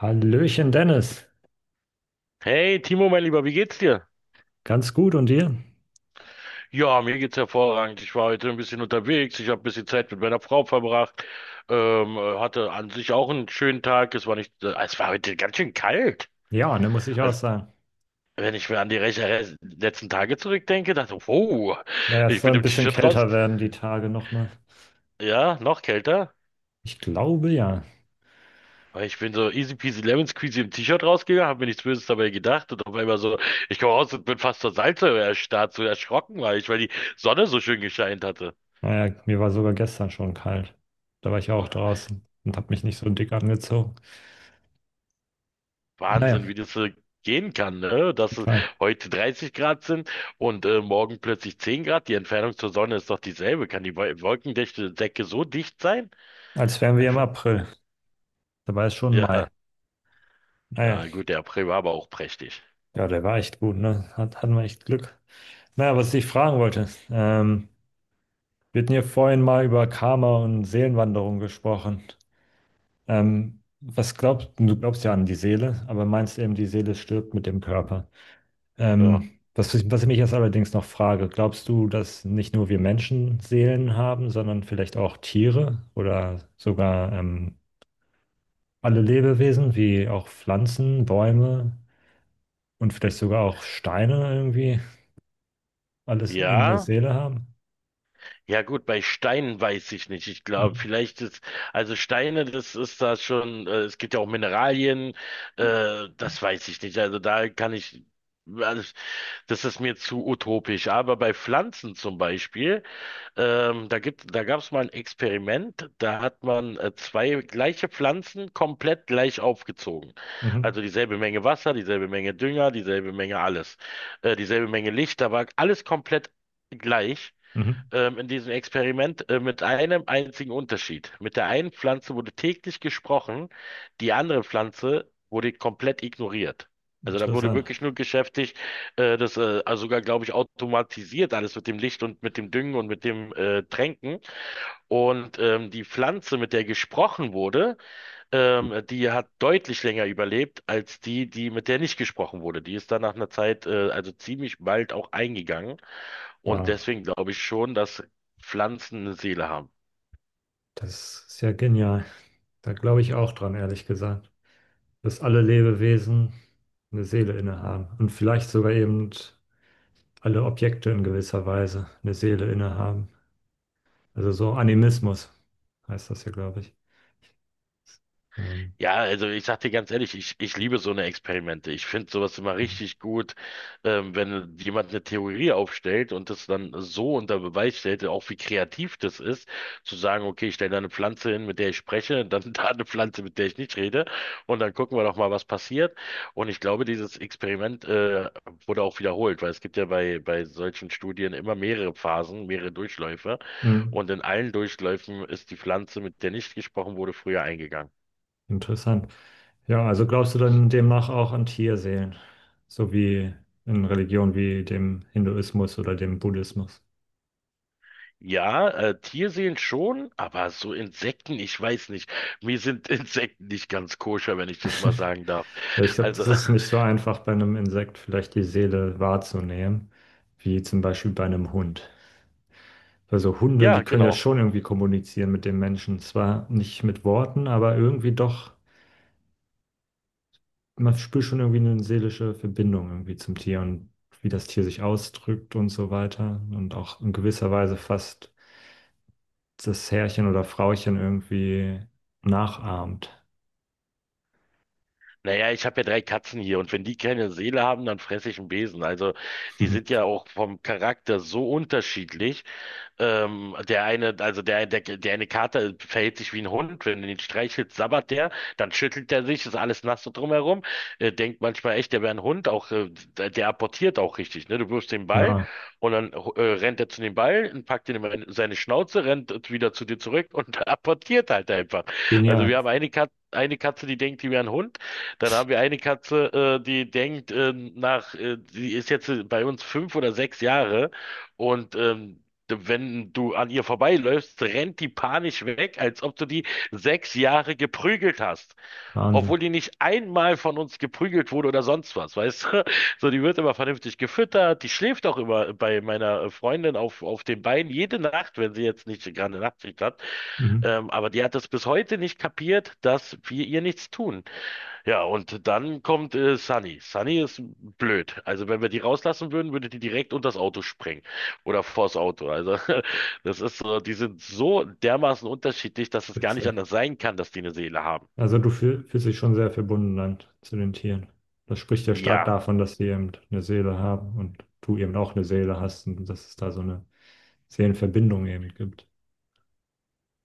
Hallöchen Dennis, Hey Timo, mein Lieber, wie geht's dir? ganz gut und dir? Ja, mir geht's hervorragend. Ich war heute ein bisschen unterwegs. Ich habe ein bisschen Zeit mit meiner Frau verbracht. Hatte an sich auch einen schönen Tag. Es war nicht, es war heute ganz schön kalt. Ja, ne, muss ich auch Also, sagen. wenn ich mir an die letzten Tage zurückdenke, dachte ich, wow, Ja, es ich soll bin ein im bisschen T-Shirt raus. kälter werden die Tage nochmal. Ja, noch kälter. Ich glaube ja. Weil ich bin so easy peasy lemon squeezy im T-Shirt rausgegangen, habe mir nichts Böses dabei gedacht und auf einmal so, ich komme raus und bin fast zur Salzsäure erstarrt, so erschrocken war ich, weil die Sonne so schön gescheint hatte. Naja, mir war sogar gestern schon kalt. Da war ich ja auch draußen und habe mich nicht so dick angezogen. Wahnsinn, Naja, wie das gehen kann, ne? Dass es egal. heute 30 Grad sind und morgen plötzlich 10 Grad. Die Entfernung zur Sonne ist doch dieselbe. Kann die wolkendichte Decke so dicht sein? Als wären wir Ich im weiß. April. Dabei ist schon Ja, Mai. Naja, ja, gut, der April war aber auch prächtig. ja, der war echt gut, ne? Hatten wir echt Glück. Naja, was ich fragen wollte, wir hatten hier vorhin mal über Karma und Seelenwanderung gesprochen. Was glaubst du? Du glaubst ja an die Seele, aber meinst eben, die Seele stirbt mit dem Körper. Ja. Was ich mich jetzt allerdings noch frage: Glaubst du, dass nicht nur wir Menschen Seelen haben, sondern vielleicht auch Tiere oder sogar alle Lebewesen, wie auch Pflanzen, Bäume und vielleicht sogar auch Steine irgendwie, alles eben eine Ja, Seele haben? ja gut, bei Steinen weiß ich nicht. Ich glaube, Mhm. vielleicht ist, also Steine, das ist da schon, es gibt ja auch Mineralien, das weiß ich nicht. Also da kann ich, also das ist mir zu utopisch. Aber bei Pflanzen zum Beispiel, da gab es mal ein Experiment, da hat man zwei gleiche Pflanzen komplett gleich aufgezogen. Mhm. Also dieselbe Menge Wasser, dieselbe Menge Dünger, dieselbe Menge alles, dieselbe Menge Licht, da war alles komplett gleich Mhm. In diesem Experiment mit einem einzigen Unterschied. Mit der einen Pflanze wurde täglich gesprochen, die andere Pflanze wurde komplett ignoriert. Also da wurde Interessant. wirklich nur geschäftigt, das also sogar, glaube ich, automatisiert alles mit dem Licht und mit dem Düngen und mit dem Tränken. Und die Pflanze, mit der gesprochen wurde, die hat deutlich länger überlebt als die, die mit der nicht gesprochen wurde. Die ist dann nach einer Zeit, also ziemlich bald auch eingegangen. Und Wow, deswegen glaube ich schon, dass Pflanzen eine Seele haben. das ist ja genial. Da glaube ich auch dran, ehrlich gesagt. Dass alle Lebewesen eine Seele innehaben und vielleicht sogar eben alle Objekte in gewisser Weise eine Seele innehaben. Also so Animismus heißt das hier, glaube ich. Ähm, Ja, also ich sag dir ganz ehrlich, ich liebe so eine Experimente. Ich finde sowas immer richtig gut, wenn jemand eine Theorie aufstellt und das dann so unter Beweis stellt, auch wie kreativ das ist, zu sagen, okay, ich stelle da eine Pflanze hin, mit der ich spreche, dann da eine Pflanze, mit der ich nicht rede, und dann gucken wir doch mal, was passiert. Und ich glaube, dieses Experiment, wurde auch wiederholt, weil es gibt ja bei solchen Studien immer mehrere Phasen, mehrere Durchläufe. hm, Und in allen Durchläufen ist die Pflanze, mit der nicht gesprochen wurde, früher eingegangen. interessant. Ja, also glaubst du dann demnach auch an Tierseelen, so wie in Religionen wie dem Hinduismus oder dem Buddhismus? Ja, Tierseen schon, aber so Insekten, ich weiß nicht. Mir sind Insekten nicht ganz koscher, wenn ich das mal sagen darf. Ja, ich glaube, das Also, ist nicht so einfach bei einem Insekt vielleicht die Seele wahrzunehmen, wie zum Beispiel bei einem Hund. Also Hunde, ja, die können ja genau. schon irgendwie kommunizieren mit den Menschen. Zwar nicht mit Worten, aber irgendwie doch, man spürt schon irgendwie eine seelische Verbindung irgendwie zum Tier und wie das Tier sich ausdrückt und so weiter. Und auch in gewisser Weise fast das Herrchen oder Frauchen irgendwie nachahmt. Naja, ich habe ja drei Katzen hier und wenn die keine Seele haben, dann fresse ich einen Besen. Also, die sind ja auch vom Charakter so unterschiedlich. Der eine, also der eine Kater verhält sich wie ein Hund. Wenn du ihn streichelst, sabbert der, dann schüttelt er sich, ist alles nass so drumherum. Denkt manchmal echt, der wäre ein Hund, auch der apportiert auch richtig, ne? Du wirfst den Ball Ja, und dann rennt er zu dem Ball und packt ihn in seine Schnauze, rennt wieder zu dir zurück und apportiert halt einfach. Also wir genial. haben eine Katze, die denkt, die wäre ein Hund. Dann haben wir eine Katze, die ist jetzt bei uns 5 oder 6 Jahre und wenn du an ihr vorbeiläufst, rennt die panisch weg, als ob du die 6 Jahre geprügelt hast. Wahnsinn. Obwohl die nicht einmal von uns geprügelt wurde oder sonst was, weißt du? So, die wird immer vernünftig gefüttert, die schläft auch immer bei meiner Freundin auf, den Beinen jede Nacht, wenn sie jetzt nicht gerade eine Nachtschicht hat. Mhm. Aber die hat es bis heute nicht kapiert, dass wir ihr nichts tun. Ja, und dann kommt Sunny. Sunny ist blöd. Also wenn wir die rauslassen würden, würde die direkt unter das Auto sprengen. Oder vors Auto. Also, das ist so, die sind so dermaßen unterschiedlich, dass es gar nicht Witzig. anders sein kann, dass die eine Seele haben. Also fühlst dich schon sehr verbunden dann zu den Tieren. Das spricht ja stark Ja. davon, dass sie eben eine Seele haben und du eben auch eine Seele hast und dass es da so eine Seelenverbindung eben gibt.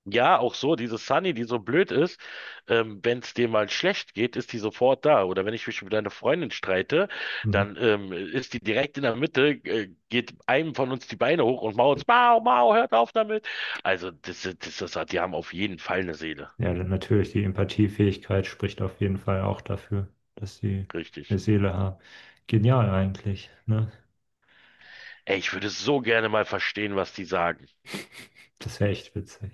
Ja, auch so, diese Sunny, die so blöd ist, wenn es dir mal schlecht geht, ist die sofort da. Oder wenn ich mich mit einer Freundin streite, Mhm. dann ist die direkt in der Mitte, geht einem von uns die Beine hoch und mault, Mau, Mau, hört auf damit. Also, die haben auf jeden Fall eine Seele. Ja, dann natürlich die Empathiefähigkeit spricht auf jeden Fall auch dafür, dass sie Richtig. eine Seele haben. Genial eigentlich, ne? Ey, ich würde so gerne mal verstehen, was die sagen. Das wäre echt witzig.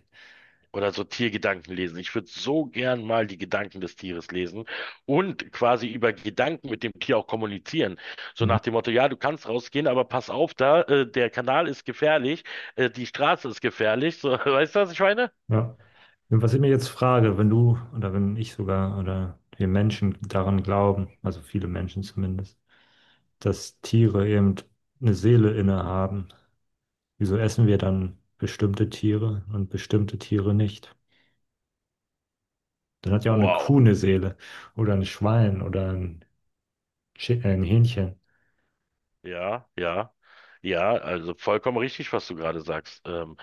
Oder so Tiergedanken lesen. Ich würde so gern mal die Gedanken des Tieres lesen und quasi über Gedanken mit dem Tier auch kommunizieren. So Mhm. nach dem Motto, ja, du kannst rausgehen, aber pass auf da, der Kanal ist gefährlich, die Straße ist gefährlich. So, weißt du, was ich meine? Ja. Und was ich mir jetzt frage, wenn du oder wenn ich sogar oder wir Menschen daran glauben, also viele Menschen zumindest, dass Tiere eben eine Seele innehaben. Wieso essen wir dann bestimmte Tiere und bestimmte Tiere nicht? Dann hat ja auch eine Kuh Wow. eine Seele oder ein Schwein oder ein, ein Hähnchen. Ja, ja, ja, also vollkommen richtig, was du gerade sagst. Ähm,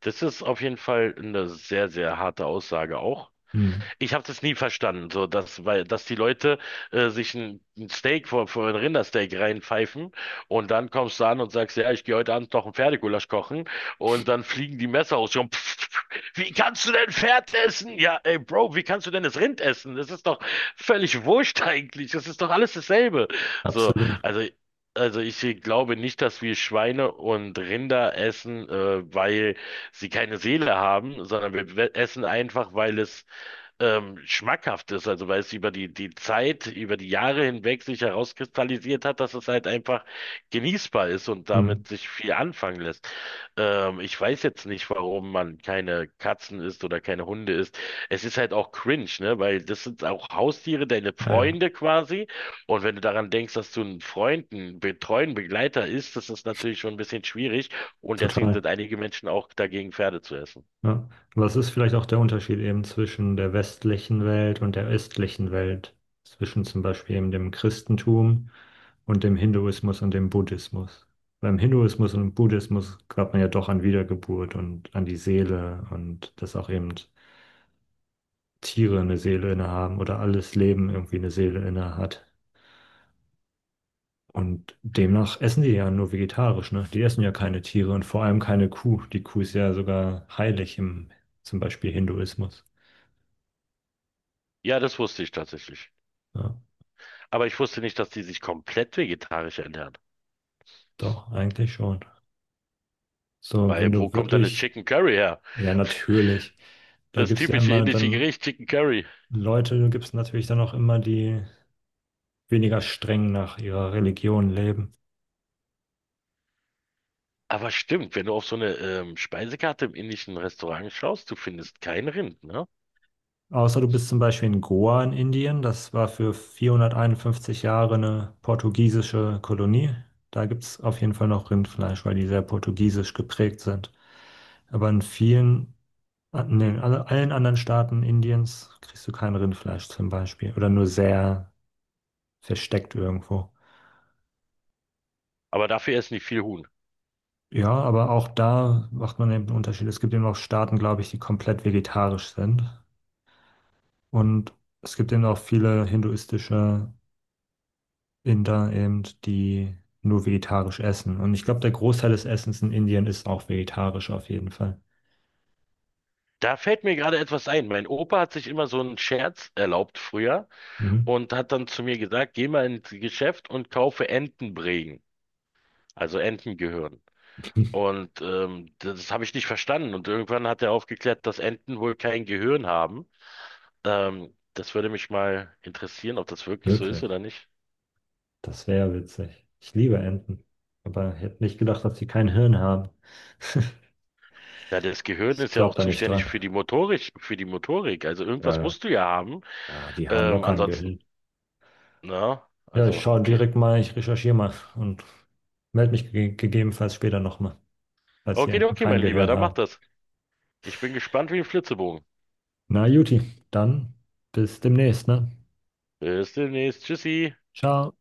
das ist auf jeden Fall eine sehr, sehr harte Aussage auch. Hm, Ich habe das nie verstanden, so dass, weil, dass die Leute sich ein Steak vor, vor ein Rindersteak reinpfeifen und dann kommst du an und sagst, ja, ich gehe heute Abend noch ein Pferdegulasch kochen und dann fliegen die Messer aus. Und pff, pff, wie kannst du denn Pferd essen? Ja, ey, Bro, wie kannst du denn das Rind essen? Das ist doch völlig wurscht eigentlich. Das ist doch alles dasselbe. So, absolut. also Also ich glaube nicht, dass wir Schweine und Rinder essen, weil sie keine Seele haben, sondern wir essen einfach, weil es schmackhaft ist, also weil es über die Zeit, über die Jahre hinweg sich herauskristallisiert hat, dass es halt einfach genießbar ist und Hm, damit sich viel anfangen lässt. Ich weiß jetzt nicht, warum man keine Katzen isst oder keine Hunde isst. Es ist halt auch cringe, ne? Weil das sind auch Haustiere, deine ja, ja, Freunde quasi. Und wenn du daran denkst, dass du einen Freund, einen betreuen Begleiter isst, das ist natürlich schon ein bisschen schwierig. Und deswegen total. sind einige Menschen auch dagegen, Pferde zu essen. Ja. Was ist vielleicht auch der Unterschied eben zwischen der westlichen Welt und der östlichen Welt? Zwischen zum Beispiel eben dem Christentum und dem Hinduismus und dem Buddhismus. Beim Hinduismus und Buddhismus glaubt man ja doch an Wiedergeburt und an die Seele und dass auch eben Tiere eine Seele innehaben oder alles Leben irgendwie eine Seele innehat. Und demnach essen die ja nur vegetarisch, ne? Die essen ja keine Tiere und vor allem keine Kuh. Die Kuh ist ja sogar heilig im zum Beispiel Hinduismus. Ja, das wusste ich tatsächlich. Ja, Aber ich wusste nicht, dass die sich komplett vegetarisch ernähren. doch, eigentlich schon. So, wenn Weil wo du kommt dann das wirklich, Chicken Curry her? ja, natürlich, da Das gibt es ja typische immer indische dann Gericht, Chicken Curry. Leute, da gibt es natürlich dann auch immer die weniger streng nach ihrer Religion leben. Aber stimmt, wenn du auf so eine Speisekarte im indischen Restaurant schaust, du findest kein Rind, ne? Außer du bist zum Beispiel in Goa in Indien, das war für 451 Jahre eine portugiesische Kolonie. Da gibt es auf jeden Fall noch Rindfleisch, weil die sehr portugiesisch geprägt sind. Aber in vielen, nee, in den, allen anderen Staaten Indiens kriegst du kein Rindfleisch zum Beispiel oder nur sehr versteckt irgendwo. Aber dafür essen die viel Huhn. Ja, aber auch da macht man eben einen Unterschied. Es gibt eben auch Staaten, glaube ich, die komplett vegetarisch sind. Und es gibt eben auch viele hinduistische Inder eben, die nur vegetarisch essen. Und ich glaube, der Großteil des Essens in Indien ist auch vegetarisch auf jeden Fall. Da fällt mir gerade etwas ein. Mein Opa hat sich immer so einen Scherz erlaubt früher Mhm. und hat dann zu mir gesagt, geh mal ins Geschäft und kaufe Entenbrägen, also Entengehirn. Und das habe ich nicht verstanden. Und irgendwann hat er aufgeklärt, dass Enten wohl kein Gehirn haben. Das würde mich mal interessieren, ob das wirklich so ist Wirklich. oder nicht. Das wäre witzig. Ich liebe Enten. Aber ich hätte nicht gedacht, dass sie kein Hirn haben. Ja, das Gehirn Ich ist ja glaube auch da nicht zuständig dran. für die Motorik, für die Motorik. Also Ja, irgendwas ja. musst du ja haben. Ah, die haben Ähm, locker ein ansonsten, Gehirn. na, Ja, ich also, schaue okay. direkt mal, ich recherchiere mal und melde mich ge gegebenenfalls später nochmal, falls die Okay, Enten okay, kein mein Lieber, Gehirn dann mach haben. das. Ich bin gespannt wie ein Flitzebogen. Na, Juti, dann bis demnächst, ne? Bis demnächst. Tschüssi. Ciao.